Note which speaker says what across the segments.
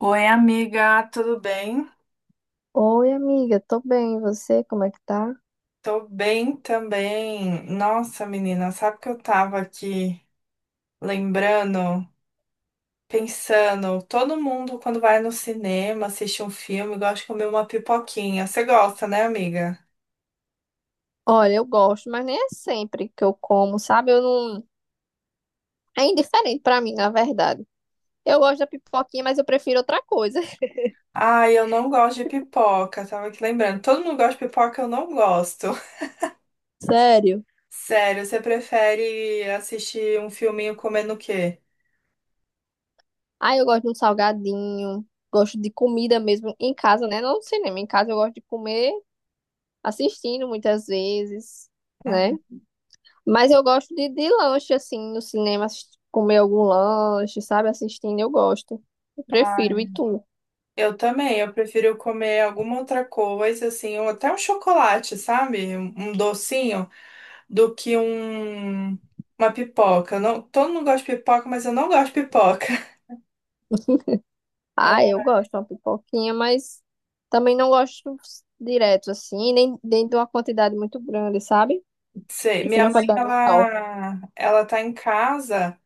Speaker 1: Oi, amiga, tudo bem?
Speaker 2: Oi, amiga, tô bem. E você, como é que tá?
Speaker 1: Tô bem também. Nossa, menina, sabe que eu tava aqui lembrando, pensando, todo mundo quando vai no cinema, assiste um filme, gosta de comer uma pipoquinha. Você gosta, né, amiga?
Speaker 2: Olha, eu gosto, mas nem é sempre que eu como, sabe? Eu não. É indiferente pra mim, na verdade. Eu gosto da pipoquinha, mas eu prefiro outra coisa.
Speaker 1: Ai, eu não gosto de pipoca, tava aqui lembrando. Todo mundo gosta de pipoca, eu não gosto.
Speaker 2: Sério.
Speaker 1: Sério, você prefere assistir um filminho comendo o quê?
Speaker 2: Ah, eu gosto de um salgadinho, gosto de comida mesmo em casa, né? Não no cinema, em casa eu gosto de comer assistindo muitas vezes, né? Mas eu gosto de lanche, assim, no cinema, comer algum lanche, sabe? Assistindo, eu gosto. Eu prefiro. E
Speaker 1: Uhum.
Speaker 2: tu?
Speaker 1: Eu também, eu prefiro comer alguma outra coisa, assim, ou até um chocolate, sabe? Um docinho, do que uma pipoca. Eu não, todo mundo gosta de pipoca, mas eu não gosto de pipoca.
Speaker 2: Ah, eu
Speaker 1: Ah,
Speaker 2: gosto de uma pipoquinha, mas também não gosto direto assim, nem de uma quantidade muito grande, sabe?
Speaker 1: sei, minha
Speaker 2: Prefiro uma
Speaker 1: mãe,
Speaker 2: quantidade menor.
Speaker 1: ela tá em casa.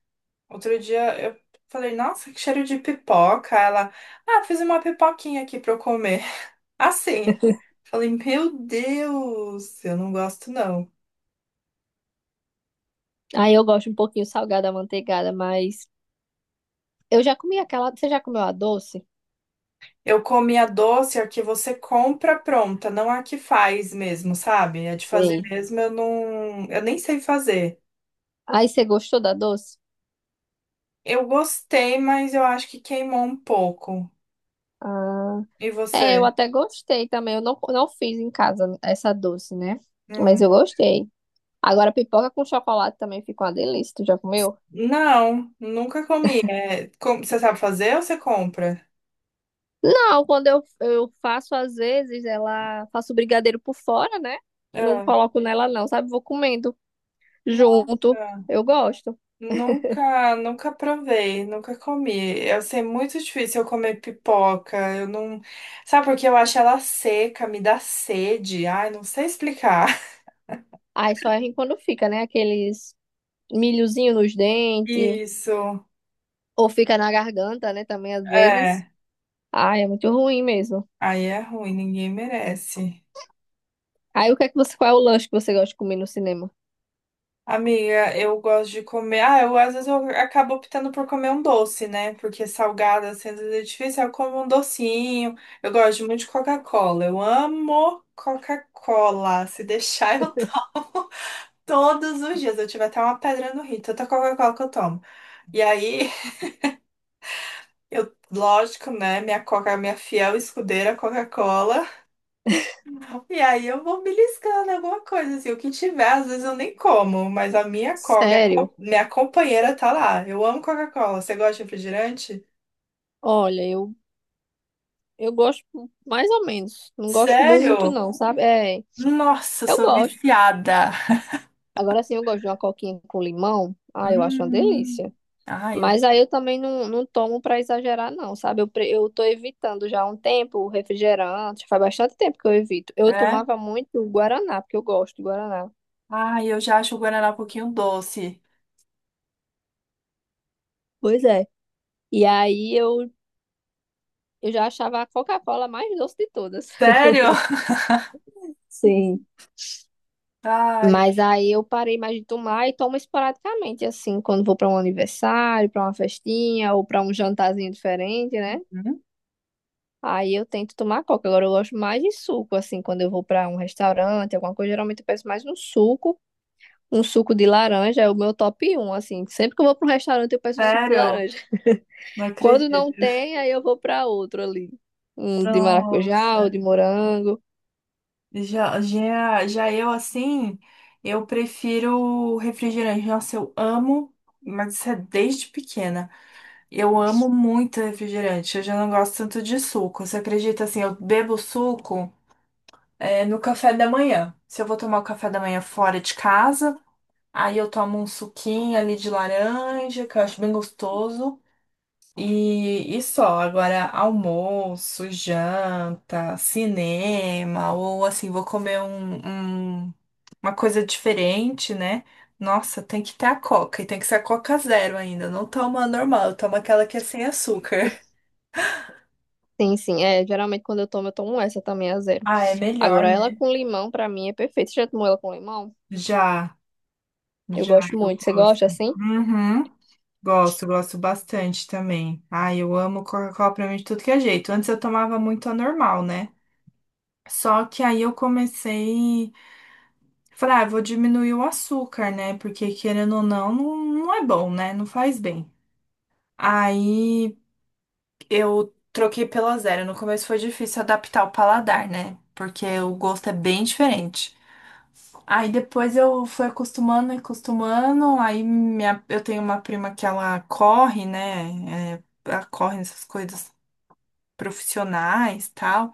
Speaker 1: Outro dia eu falei, nossa, que cheiro de pipoca. Ela, ah, fiz uma pipoquinha aqui pra eu comer. Assim, falei, meu Deus, eu não gosto não.
Speaker 2: Aí eu gosto um pouquinho salgada, manteigada, mas eu já comi aquela. Você já comeu a doce?
Speaker 1: Eu comi a doce, a que você compra pronta, não a que faz mesmo, sabe? A de fazer
Speaker 2: Sei.
Speaker 1: mesmo, eu não, eu nem sei fazer.
Speaker 2: Aí você gostou da doce?
Speaker 1: Eu gostei, mas eu acho que queimou um pouco.
Speaker 2: Ah,
Speaker 1: E
Speaker 2: é, eu
Speaker 1: você?
Speaker 2: até gostei também. Eu não, Não fiz em casa essa doce, né? Mas eu
Speaker 1: Hum.
Speaker 2: gostei. Agora, pipoca com chocolate também fica uma delícia. Tu já comeu?
Speaker 1: Não, nunca comi. É, você sabe fazer ou você compra?
Speaker 2: Não, quando eu faço, às vezes, ela faço brigadeiro por fora, né? Não
Speaker 1: Ah,
Speaker 2: coloco nela, não, sabe? Vou comendo junto.
Speaker 1: nossa,
Speaker 2: Eu gosto.
Speaker 1: nunca, nunca provei, nunca comi. Eu sei muito difícil eu comer pipoca. Eu não, sabe porque eu acho ela seca, me dá sede. Ai, não sei explicar.
Speaker 2: Aí só é ruim quando fica, né? Aqueles milhozinho nos dentes,
Speaker 1: Isso,
Speaker 2: ou fica na garganta, né? Também às vezes.
Speaker 1: é.
Speaker 2: Ai, é muito ruim mesmo.
Speaker 1: Aí é ruim, ninguém merece.
Speaker 2: Aí o que é que você, qual é o lanche que você gosta de comer no cinema?
Speaker 1: Amiga, eu gosto de comer. Ah, eu às vezes eu acabo optando por comer um doce, né? Porque salgada, assim, às vezes é difícil. Eu como um docinho. Eu gosto muito de Coca-Cola. Eu amo Coca-Cola. Se deixar, eu tomo todos os dias. Eu tive até uma pedra no rim, tanta Coca-Cola que eu tomo. E aí, eu, lógico, né? Minha Coca, minha fiel escudeira Coca-Cola. E aí eu vou beliscando alguma coisa, assim, o que tiver, às vezes eu nem como, mas a minha come,
Speaker 2: Sério?
Speaker 1: minha companheira tá lá. Eu amo Coca-Cola. Você gosta de refrigerante?
Speaker 2: Olha, eu gosto mais ou menos. Não gosto muito,
Speaker 1: Sério?
Speaker 2: não, sabe? É,
Speaker 1: Nossa, eu
Speaker 2: eu
Speaker 1: sou
Speaker 2: gosto.
Speaker 1: viciada.
Speaker 2: Agora sim, eu gosto de uma coquinha com limão. Ah, eu acho uma
Speaker 1: Hum.
Speaker 2: delícia.
Speaker 1: Ai, eu,
Speaker 2: Mas aí eu também não tomo para exagerar, não, sabe? Eu tô evitando já há um tempo o refrigerante. Faz bastante tempo que eu evito. Eu
Speaker 1: é?
Speaker 2: tomava muito o Guaraná, porque eu gosto de Guaraná.
Speaker 1: Ai, eu já acho o Guaraná um pouquinho doce.
Speaker 2: Pois é. E aí eu, eu já achava a Coca-Cola mais doce de todas.
Speaker 1: Sério?
Speaker 2: Sim.
Speaker 1: Ai,
Speaker 2: Mas aí eu parei mais de tomar e tomo esporadicamente, assim, quando vou para um aniversário, para uma festinha ou para um jantarzinho diferente, né?
Speaker 1: hum,
Speaker 2: Aí eu tento tomar coca. Agora eu gosto mais de suco, assim, quando eu vou pra um restaurante, alguma coisa, geralmente eu peço mais um suco. Um suco de laranja é o meu top 1, assim. Sempre que eu vou pra um restaurante, eu peço um suco de
Speaker 1: sério?
Speaker 2: laranja.
Speaker 1: Não
Speaker 2: Quando
Speaker 1: acredito.
Speaker 2: não tem, aí eu vou pra outro ali. Um de maracujá
Speaker 1: Nossa.
Speaker 2: ou de morango.
Speaker 1: Já, já, já eu assim, eu prefiro refrigerante. Nossa, eu amo, mas isso é desde pequena. Eu amo muito refrigerante. Eu já não gosto tanto de suco. Você acredita assim, eu bebo suco é, no café da manhã. Se eu vou tomar o café da manhã fora de casa, aí eu tomo um suquinho ali de laranja, que eu acho bem gostoso. E só, agora almoço, janta, cinema, ou assim, vou comer um- uma coisa diferente, né? Nossa, tem que ter a Coca, e tem que ser a Coca zero ainda. Não toma a normal, eu tomo aquela que é sem açúcar.
Speaker 2: Sim, sim. É, geralmente quando eu tomo essa também a zero.
Speaker 1: Ah, é melhor,
Speaker 2: Agora ela
Speaker 1: né?
Speaker 2: com limão, pra mim, é perfeita. Você já tomou ela com limão?
Speaker 1: Já,
Speaker 2: Eu
Speaker 1: já,
Speaker 2: gosto
Speaker 1: eu
Speaker 2: muito. Você
Speaker 1: gosto.
Speaker 2: gosta assim?
Speaker 1: Uhum. Gosto, gosto bastante também. Ai, eu amo Coca-Cola pra mim de tudo que é jeito. Antes eu tomava muito a normal, né? Só que aí eu comecei. Falei, ah, vou diminuir o açúcar, né? Porque querendo ou não, não, não é bom, né? Não faz bem. Aí eu troquei pela zero. No começo foi difícil adaptar o paladar, né? Porque o gosto é bem diferente. Aí depois eu fui acostumando acostumando. Aí minha, eu tenho uma prima que ela corre, né? É, ela corre nessas coisas profissionais, tal.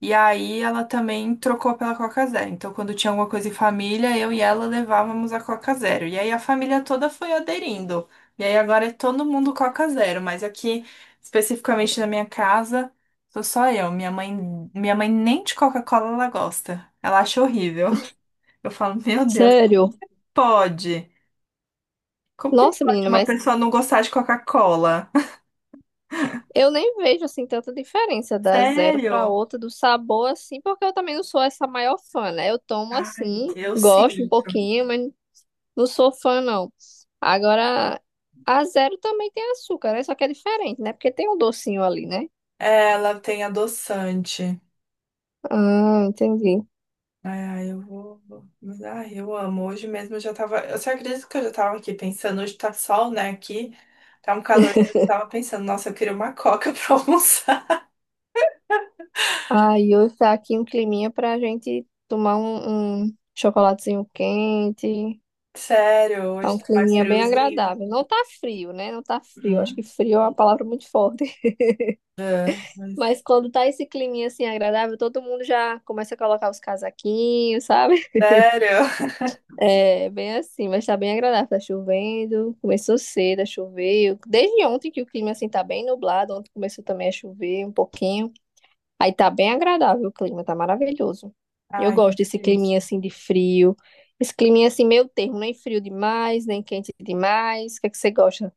Speaker 1: E aí ela também trocou pela Coca Zero. Então, quando tinha alguma coisa em família, eu e ela levávamos a Coca Zero. E aí a família toda foi aderindo. E aí agora é todo mundo Coca Zero, mas aqui, especificamente na minha casa, sou só eu. Minha mãe nem de Coca-Cola ela gosta. Ela acha horrível. Eu falo, meu Deus,
Speaker 2: Sério?
Speaker 1: pode? Como que
Speaker 2: Nossa,
Speaker 1: pode
Speaker 2: menina,
Speaker 1: uma
Speaker 2: mas
Speaker 1: pessoa não gostar de Coca-Cola?
Speaker 2: eu nem vejo assim tanta diferença da zero para
Speaker 1: Sério?
Speaker 2: outra do sabor assim, porque eu também não sou essa maior fã, né? Eu tomo
Speaker 1: Ai,
Speaker 2: assim,
Speaker 1: eu sim.
Speaker 2: gosto um pouquinho, mas não sou fã não. Agora a zero também tem açúcar, né? Só que é diferente, né? Porque tem um docinho ali, né?
Speaker 1: É, ela tem adoçante.
Speaker 2: Ah, entendi.
Speaker 1: Ah, eu vou. Mas, ai, eu amo. Hoje mesmo eu já tava. Você acredita que eu já tava aqui pensando? Hoje tá sol, né? Aqui tá um calor. Eu tava pensando, nossa, eu queria uma coca pra almoçar.
Speaker 2: Aí hoje tá aqui um climinha pra gente tomar um chocolatezinho quente.
Speaker 1: Sério,
Speaker 2: Tá
Speaker 1: hoje
Speaker 2: um
Speaker 1: tá mais
Speaker 2: climinha bem
Speaker 1: friozinho.
Speaker 2: agradável. Não tá frio, né? Não tá frio. Acho
Speaker 1: Hum?
Speaker 2: que frio é uma palavra muito forte.
Speaker 1: É, mas
Speaker 2: Mas quando tá esse climinha assim agradável, todo mundo já começa a colocar os casaquinhos, sabe?
Speaker 1: sério.
Speaker 2: É bem assim, mas tá bem agradável. Tá chovendo, começou cedo a chover. Desde ontem que o clima assim tá bem nublado, ontem começou também a chover um pouquinho. Aí tá bem agradável o clima, tá maravilhoso. Eu
Speaker 1: Ai, que
Speaker 2: gosto desse climinha
Speaker 1: delícia.
Speaker 2: assim de frio. Esse climinha assim meio termo, nem frio demais, nem quente demais. O que é que você gosta?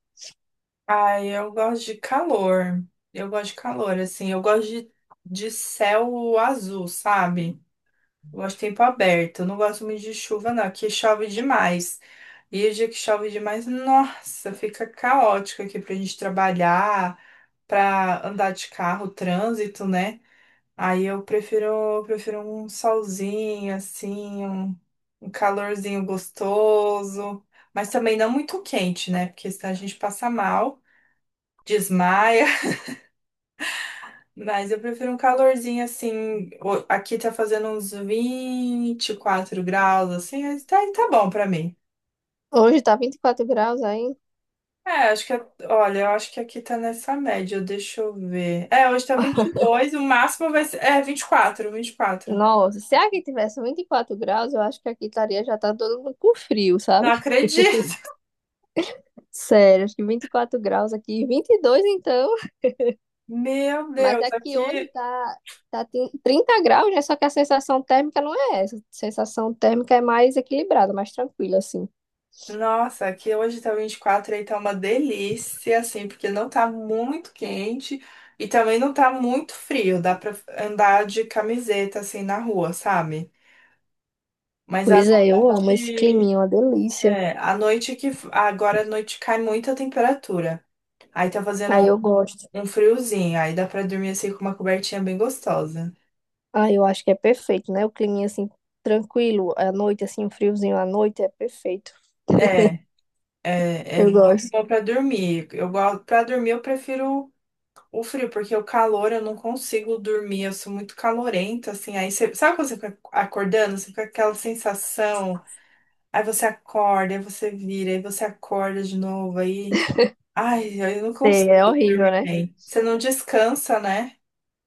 Speaker 1: Ai, eu gosto de calor. Eu gosto de calor, assim. Eu gosto de céu azul, sabe? Eu gosto de tempo aberto. Eu não gosto muito de chuva, não, que chove demais. E o dia que chove demais, nossa, fica caótico aqui pra gente trabalhar, pra andar de carro, trânsito, né? Aí eu prefiro um solzinho, assim, um calorzinho gostoso, mas também não muito quente, né? Porque senão a gente passa mal, desmaia. Mas eu prefiro um calorzinho assim. Aqui tá fazendo uns 24 graus, assim. Tá, tá bom pra mim.
Speaker 2: Hoje tá 24 graus aí.
Speaker 1: É, acho que. Olha, eu acho que aqui tá nessa média. Deixa eu ver. É, hoje tá 22. O máximo vai ser. É, 24. 24.
Speaker 2: Nossa, se aqui tivesse 24 graus, eu acho que aqui estaria já tá todo mundo com frio,
Speaker 1: Não
Speaker 2: sabe?
Speaker 1: acredito!
Speaker 2: Sério, acho que 24 graus aqui, 22 então,
Speaker 1: Meu
Speaker 2: mas
Speaker 1: Deus,
Speaker 2: aqui hoje
Speaker 1: aqui.
Speaker 2: tá, tá tem 30 graus, né? Só que a sensação térmica não é essa. A sensação térmica é mais equilibrada, mais tranquila, assim.
Speaker 1: Nossa, aqui hoje tá 24. E aí tá uma delícia, assim, porque não tá muito quente e também não tá muito frio. Dá pra andar de camiseta, assim, na rua, sabe? Mas a
Speaker 2: Pois é, eu amo esse
Speaker 1: noite,
Speaker 2: climinha, é uma delícia.
Speaker 1: é, a noite que agora à noite cai muita temperatura. Aí tá fazendo
Speaker 2: Aí eu gosto.
Speaker 1: um friozinho, aí dá pra dormir assim com uma cobertinha bem gostosa.
Speaker 2: Ah, eu acho que é perfeito, né? O climinha assim, tranquilo, à noite, assim, um friozinho à noite é perfeito.
Speaker 1: É, é, é
Speaker 2: Eu
Speaker 1: muito
Speaker 2: gosto.
Speaker 1: bom pra dormir. Eu gosto para dormir, eu prefiro o frio, porque o calor eu não consigo dormir, eu sou muito calorenta assim. Aí você, sabe quando você fica acordando, você fica com aquela sensação, aí você acorda, aí você vira, aí você acorda de novo aí. Ai, eu não
Speaker 2: Sei,
Speaker 1: consigo
Speaker 2: é horrível,
Speaker 1: dormir
Speaker 2: né?
Speaker 1: bem. Você não descansa, né?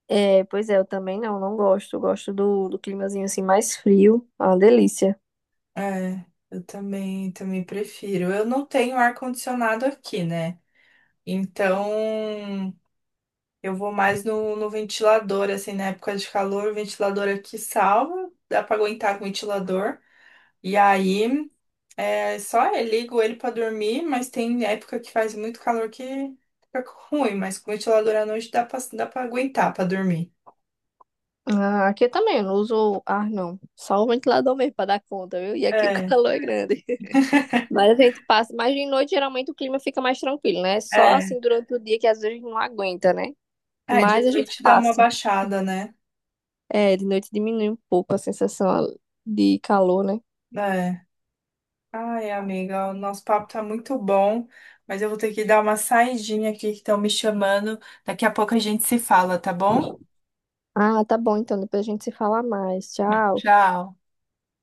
Speaker 2: É, pois é, eu também não gosto. Eu gosto do climazinho assim mais frio. Ah, delícia.
Speaker 1: É, eu também, também prefiro. Eu não tenho ar-condicionado aqui, né? Então, eu vou mais no ventilador, assim, na época de calor, o ventilador aqui salva, dá pra aguentar com o ventilador. E aí, é só eu ligo ele pra dormir, mas tem época que faz muito calor que fica ruim, mas com o ventilador à noite dá pra aguentar pra dormir.
Speaker 2: Ah, aqui eu não uso ar, não. Só o ventilador mesmo pra dar conta, viu? E aqui o
Speaker 1: É,
Speaker 2: calor é grande. Mas a gente passa. Mas de noite, geralmente, o clima fica mais tranquilo, né? Só
Speaker 1: é.
Speaker 2: assim durante o dia que às vezes a gente não aguenta, né?
Speaker 1: É, de
Speaker 2: Mas a gente
Speaker 1: noite dá uma
Speaker 2: passa.
Speaker 1: baixada, né?
Speaker 2: É, de noite diminui um pouco a sensação de calor, né?
Speaker 1: É. Ai, amiga, o nosso papo tá muito bom, mas eu vou ter que dar uma saidinha aqui que estão me chamando. Daqui a pouco a gente se fala, tá bom?
Speaker 2: Ah, tá bom, então depois a gente se fala mais. Tchau.
Speaker 1: Tchau.